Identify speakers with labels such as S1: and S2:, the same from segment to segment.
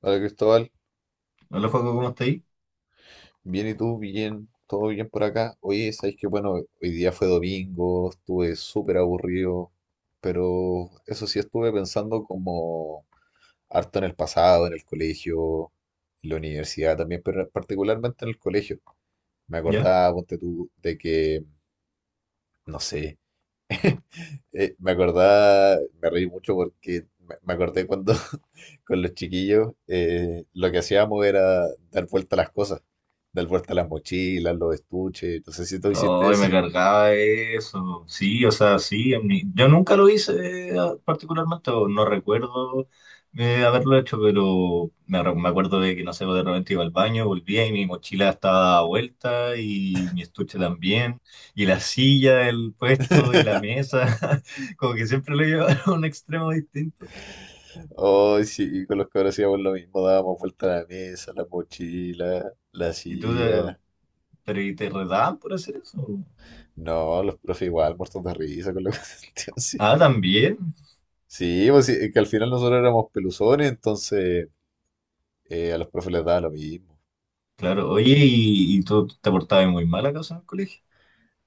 S1: Hola, Cristóbal.
S2: Hola, Joaco, ¿cómo está ahí?
S1: Bien, ¿y tú? Bien, todo bien por acá. Oye, sabes que bueno, hoy día fue domingo, estuve súper aburrido, pero eso sí, estuve pensando como harto en el pasado, en el colegio, en la universidad también, pero particularmente en el colegio. Me
S2: ¿Ya?
S1: acordaba, ponte tú, de que, no sé, me acordaba, me reí mucho porque me acordé cuando con los chiquillos lo que hacíamos era dar vuelta a las cosas, dar vuelta a las mochilas, los estuches. No sé si tú hiciste
S2: Ay,
S1: eso.
S2: me cargaba eso. Sí, o sea, sí. Yo nunca lo hice particularmente, o no recuerdo haberlo hecho, pero me acuerdo de que, no sé, pues, de repente iba al baño, volvía y mi mochila estaba dada vuelta y mi estuche también, y la silla, el puesto y la mesa, como que siempre lo llevaba a un extremo distinto.
S1: Oh, sí, con los que hacíamos lo mismo, dábamos vuelta a la mesa, la mochila, la
S2: Y tú,
S1: silla.
S2: pero ¿y te redaban por hacer eso?
S1: No, los profes igual, muertos de risa con lo que así. Sí,
S2: Ah, también.
S1: sí, pues sí, que al final nosotros éramos peluzones, entonces a los profes les daba lo mismo.
S2: Claro, oye,
S1: Sí.
S2: ¿y tú te portabas muy mal acaso en el colegio?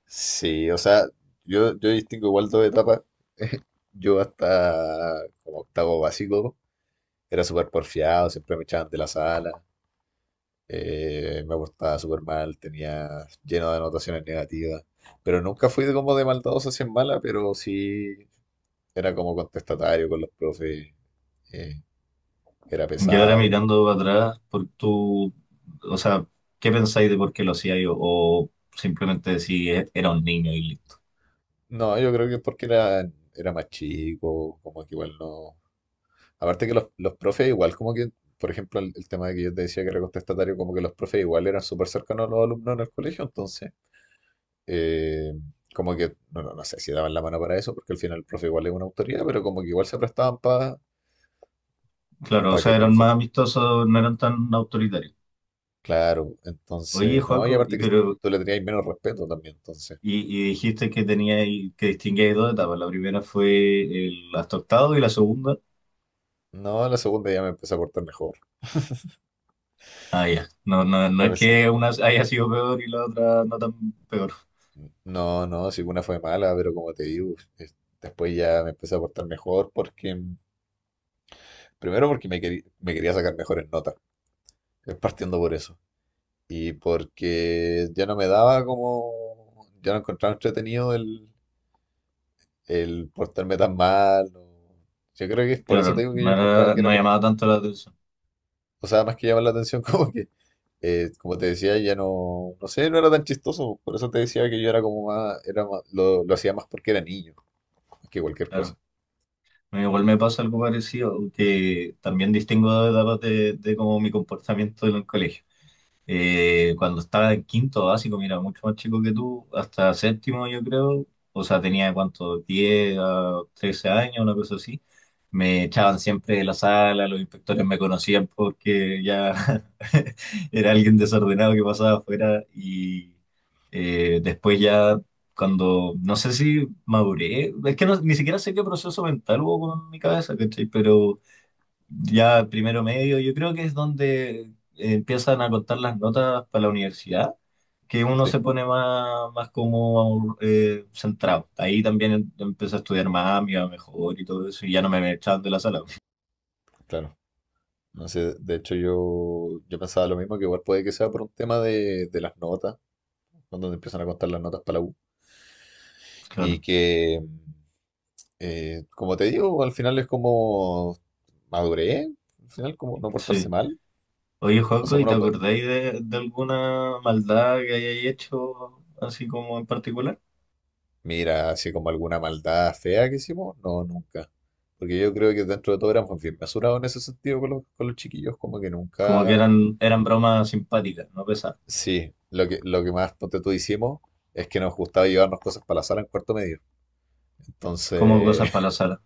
S1: Sí, o sea, yo distingo igual dos etapas. Yo hasta como octavo básico era súper porfiado, siempre me echaban de la sala, me portaba súper mal, tenía lleno de anotaciones negativas, pero nunca fui de como de maldadoso hacia mala, pero sí era como contestatario con los profes, eh, era
S2: Y ahora
S1: pesado.
S2: mirando atrás, por tu, o sea, ¿qué pensáis de por qué lo hacía? O simplemente decís: Era un niño y listo".
S1: No, yo creo que es porque era más chico, como que igual no. Aparte que los profes igual como que, por ejemplo, el tema de que yo te decía que era contestatario, como que los profes igual eran súper cercanos a los alumnos en el colegio, entonces, eh, como que, no, no, no sé si daban la mano para eso, porque al final el profe igual es una autoridad, pero como que igual se prestaban para
S2: Claro, o
S1: que
S2: sea,
S1: tú,
S2: eran más amistosos, no eran tan autoritarios.
S1: claro.
S2: Oye,
S1: Entonces no, y
S2: Joaco,
S1: aparte
S2: y,
S1: que
S2: pero,
S1: tú le tenías menos respeto también, entonces,
S2: y dijiste que teníais, que distinguíais dos etapas. La primera fue el hasta octavo y la segunda.
S1: no, en la segunda ya me empecé a portar mejor.
S2: Ah, ya. No, no, no
S1: Me
S2: es
S1: empecé-
S2: que una haya sido peor y la otra no tan peor.
S1: no, no, si una fue mala, pero como te digo, después ya me empecé a portar mejor porque... Primero porque me quería sacar mejores notas, partiendo por eso. Y porque ya no me daba como, ya no encontraba entretenido el portarme tan mal. Yo creo que es por eso te
S2: Claro,
S1: digo que
S2: no
S1: yo encontraba
S2: era,
S1: que era
S2: no
S1: porque,
S2: llamaba tanto la atención.
S1: o sea, más que llamar la atención, como que, como te decía, ya no, no sé, no era tan chistoso. Por eso te decía que yo era como más, lo hacía más porque era niño, más que cualquier
S2: Claro.
S1: cosa.
S2: No, igual me pasa algo parecido, que también distingo de etapas de como mi comportamiento en el colegio. Cuando estaba en quinto básico, mira, mucho más chico que tú, hasta séptimo yo creo, o sea, tenía cuánto, 10 a 13 años, una cosa así. Me echaban siempre de la sala, los inspectores me conocían porque ya era alguien desordenado que pasaba afuera y después ya cuando, no sé si maduré, es que ni siquiera sé qué proceso mental hubo con mi cabeza, ¿cachai? Pero ya primero medio, yo creo que es donde empiezan a contar las notas para la universidad, que uno
S1: Sí,
S2: se pone más, más como centrado. Ahí también empecé a estudiar más, me iba mejor y todo eso, y ya no me echaban de la sala.
S1: claro. No sé, de hecho yo, yo pensaba lo mismo, que igual puede que sea por un tema de las notas, donde empiezan a contar las notas para la U. Y
S2: Claro,
S1: que, como te digo, al final es como madurez, al final como no portarse
S2: sí.
S1: mal.
S2: Oye,
S1: O sea,
S2: Juanco, ¿y te
S1: uno, pues,
S2: acordáis de alguna maldad que hayáis hecho así como en particular?
S1: mira, así como alguna maldad fea que hicimos, no, nunca. Porque yo creo que dentro de todo éramos bien mesurados en ese sentido con los chiquillos, como que
S2: Como que
S1: nunca...
S2: eran, eran bromas simpáticas, no pesadas,
S1: Sí, lo que más, ponte tú, hicimos es que nos gustaba llevarnos cosas para la sala en cuarto medio.
S2: como cosas
S1: Entonces...
S2: para la sala.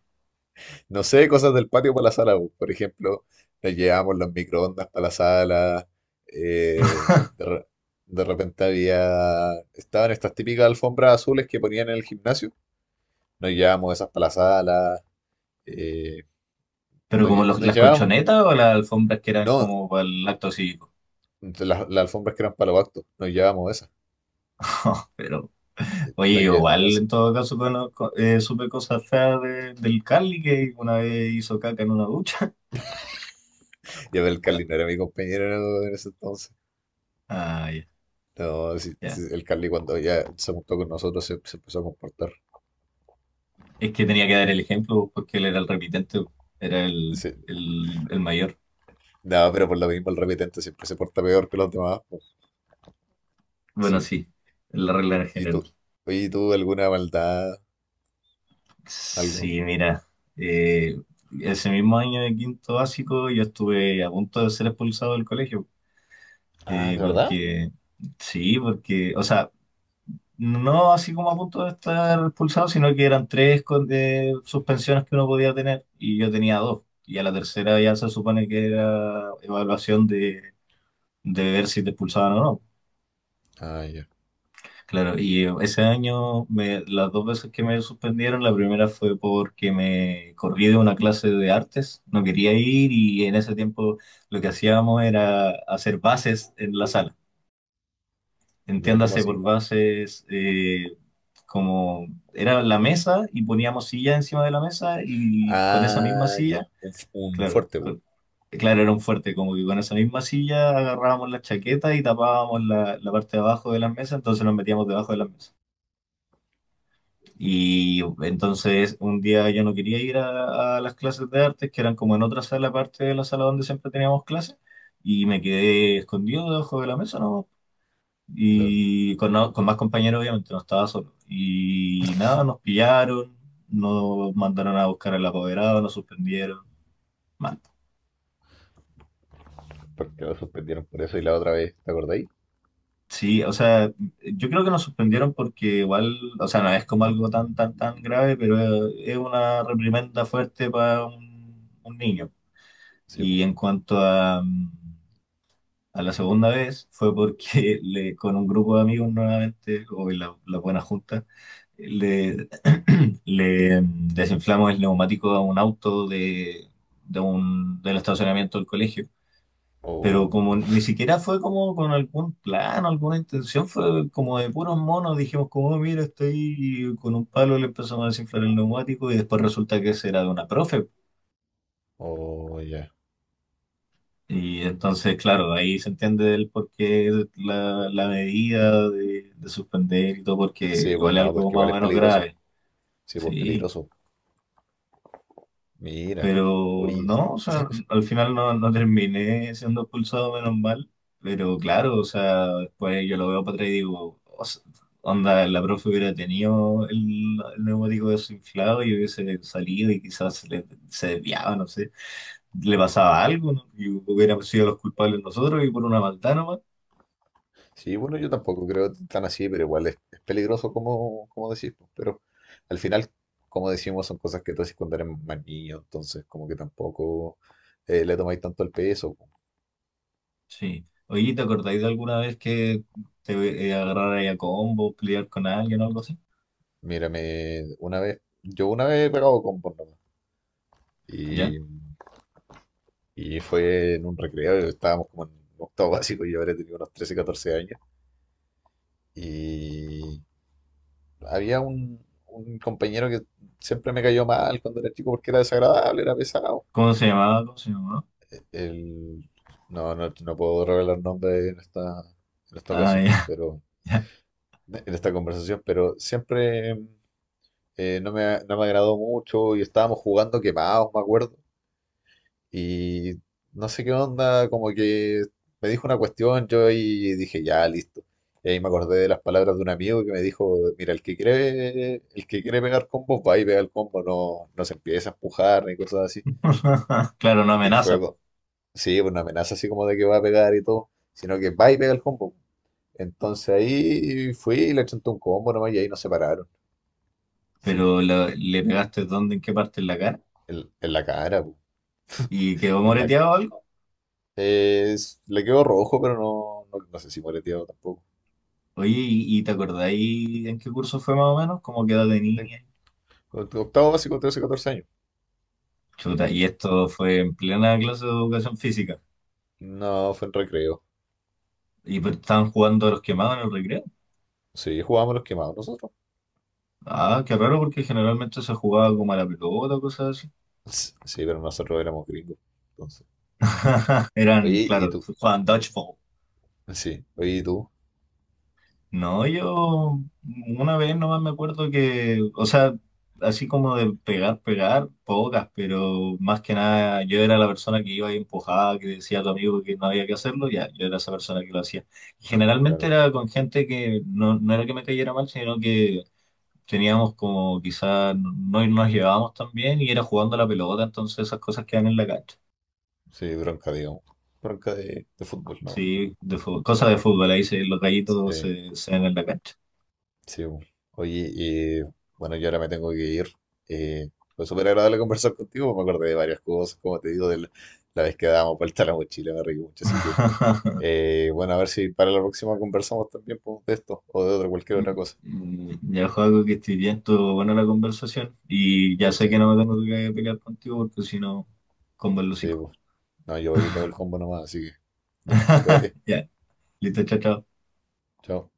S1: No sé, cosas del patio para la sala, pues. Por ejemplo, nos llevamos los microondas para la sala. eh, de, re- de repente había... Estaban estas típicas alfombras azules que ponían en el gimnasio. Nos llevamos esas para la sala. eh,
S2: Pero como
S1: Nos
S2: las
S1: llevamos...
S2: colchonetas o las alfombras que eran
S1: No,
S2: como para el acto cívico.
S1: las alfombras que eran para los actos. Nos llevamos esas.
S2: Pero, oye,
S1: Nos llevamos
S2: igual
S1: esas.
S2: en todo caso supe cosas feas del Carly que una vez hizo caca en una ducha.
S1: Ya el Carly no era mi compañero en ese entonces.
S2: Ah, ya,
S1: No, sí, sí,
S2: ya.
S1: el Carly cuando ya se juntó con nosotros se empezó a comportar.
S2: Es que tenía que dar el ejemplo porque él era el repitente, era el mayor.
S1: No, pero por lo mismo el repetente siempre se porta peor que los demás, pues.
S2: Bueno,
S1: Sí.
S2: sí, la regla en
S1: ¿Y
S2: general.
S1: tú? Oye, ¿y tú alguna maldad? Algo.
S2: Sí, mira, eh, ese mismo año de quinto básico yo estuve a punto de ser expulsado del colegio.
S1: Ah,
S2: eh,
S1: ¿de verdad?
S2: porque, sí, porque, o sea, no así como a punto de estar expulsado, sino que eran tres suspensiones que uno podía tener y yo tenía dos. Y a la tercera ya se supone que era evaluación de ver si te expulsaban o no.
S1: Ah, ya.
S2: Claro, y ese año las dos veces que me suspendieron, la primera fue porque me corrí de una clase de artes, no quería ir y en ese tiempo lo que hacíamos era hacer bases en la sala.
S1: ¿Ya cómo
S2: Entiéndase
S1: así?
S2: por bases como era la mesa y poníamos silla encima de la mesa y con esa misma
S1: Ah, ya.
S2: silla,
S1: Un, un
S2: claro,
S1: fuerte, bu.
S2: claro, era un fuerte, como que con esa misma silla agarrábamos la chaqueta y tapábamos la, la parte de abajo de la mesa, entonces nos metíamos debajo de la mesa. Y entonces un día yo no quería ir a las clases de artes, que eran como en otra sala aparte de la sala donde siempre teníamos clases, y me quedé escondido debajo de la mesa, ¿no?
S1: Lol.
S2: Y con, con más compañeros, obviamente, no estaba solo. Y nada, nos pillaron, nos mandaron a buscar al apoderado, nos suspendieron. Mal.
S1: Porque lo suspendieron por eso y la otra vez, ¿te acordáis?
S2: Sí, o sea, yo creo que nos suspendieron porque igual, o sea, no es como algo tan, tan, tan grave, pero es una reprimenda fuerte para un niño.
S1: Sí, bu.
S2: Y en cuanto a, a la segunda vez fue porque le, con un grupo de amigos nuevamente, o en la, la buena junta, le, le desinflamos el neumático a un auto de, del estacionamiento del colegio. Pero como
S1: Oh,
S2: ni siquiera fue como con algún plan, alguna intención, fue como de puros monos, dijimos como: "Oh, mira, estoy con un palo", le empezamos a desinflar el neumático y después resulta que ese era de una profe.
S1: oh, ya.
S2: Y entonces, claro, de ahí se entiende el porqué la, la medida de suspender y todo, porque
S1: Sí, pues
S2: igual es
S1: no,
S2: algo
S1: porque igual
S2: más o
S1: es
S2: menos
S1: peligroso.
S2: grave.
S1: Sí, pues
S2: Sí,
S1: peligroso. Mira.
S2: pero
S1: Oye.
S2: no, o sea, al final no, no terminé siendo expulsado, menos mal. Pero claro, o sea, después yo lo veo para atrás y digo, o sea, onda, la profe hubiera tenido el neumático desinflado y hubiese salido y quizás se, se desviaba, no sé, le pasaba algo, ¿no? Y hubiéramos sido los culpables nosotros y por una maldad nomás.
S1: Sí, bueno, yo tampoco creo tan así, pero igual es peligroso, como, como decís, pues, pero al final, como decimos, son cosas que tú haces cuando eres más niño, entonces como que tampoco le tomáis tanto el peso, po.
S2: Sí. Oye, ¿te acordáis de alguna vez que te agarrara ahí a combo, pelear con alguien o algo así?
S1: Mírame, una vez, yo una vez he pegado con porno,
S2: ¿Ya?
S1: y, y fue en un recreo, estábamos como en octavo básico, yo habré tenido unos 13, 14 años, y había un compañero que siempre me cayó mal cuando era chico porque era desagradable, era pesado.
S2: ¿Cómo se llamaba? ¿Cómo se llamaba?
S1: El... No, no, no puedo revelar nombre en esta
S2: Ah,
S1: ocasión,
S2: ya,
S1: pero
S2: ya.
S1: en esta conversación, pero siempre no me agradó mucho y estábamos jugando quemados, me acuerdo. Y no sé qué onda, como que me dijo una cuestión, yo ahí dije, ya, listo. Y ahí me acordé de las palabras de un amigo que me dijo, mira, el que quiere pegar combos va y pega el combo, no, no se empieza a empujar ni cosas así.
S2: Claro, no
S1: Y fue,
S2: amenaza, po.
S1: sí, pues no amenaza así como de que va a pegar y todo, sino que va y pega el combo. Entonces ahí fui y le chanté un combo nomás y ahí nos separaron. Sí,
S2: Pero le pegaste dónde, ¿en qué parte? ¿En la cara?
S1: en la cara, pu,
S2: ¿Y quedó
S1: en la,
S2: moreteado o algo?
S1: le quedó rojo, pero no, no, no sé si moreteado tampoco.
S2: Oye, y te acordáis en qué curso fue más o menos? ¿Cómo quedó de
S1: En
S2: niña?
S1: octavo básico, 13, 14 años. Sí.
S2: Chuta, ¿y esto fue en plena clase de educación física?
S1: No, fue en recreo.
S2: Y pues, ¿estaban jugando a los quemados en el recreo?
S1: Sí, jugábamos los quemados nosotros.
S2: Ah, qué raro porque generalmente se jugaba como a la pelota o cosas.
S1: Sí, pero nosotros éramos gringos. Entonces. Oye,
S2: Eran,
S1: ¿y
S2: claro,
S1: tú?
S2: jugaban dodgeball.
S1: Sí, oye, ¿y tú?
S2: No, yo una vez nomás me acuerdo que, o sea, así como de pegar, pegar, pocas, pero más que nada yo era la persona que iba y empujaba, que decía a tu amigo que no había que hacerlo, ya, yo era esa persona que lo hacía. Y generalmente
S1: Claro.
S2: era con gente que no, no era que me cayera mal, sino que teníamos como quizás no no nos llevábamos tan bien y era jugando a la pelota, entonces esas cosas quedan en la cancha.
S1: Sí, bronca, digamos. Bronca de fútbol, no.
S2: Sí, de fútbol, cosas de fútbol, ahí se, los gallitos
S1: Sí.
S2: se, se ven en la cancha.
S1: Sí, bu. Oye, y bueno, yo ahora me tengo que ir. Eh, fue súper agradable conversar contigo, me acordé de varias cosas, como te digo, de la, la vez que dábamos vuelta a la mochila, me reí mucho, así que, bueno, a ver si para la próxima conversamos también, pues, de esto o de otra, cualquier otra cosa.
S2: Mm, ya, Joaco, que estoy bien, estuvo buena la conversación y ya sé
S1: Sí,
S2: que no me tengo que pelear contigo porque si no, con el
S1: sí,
S2: hocico.
S1: pues. No, yo voy y pego el combo nomás, así que ya, cuídate,
S2: Ya, listo, chao, chao.
S1: chao.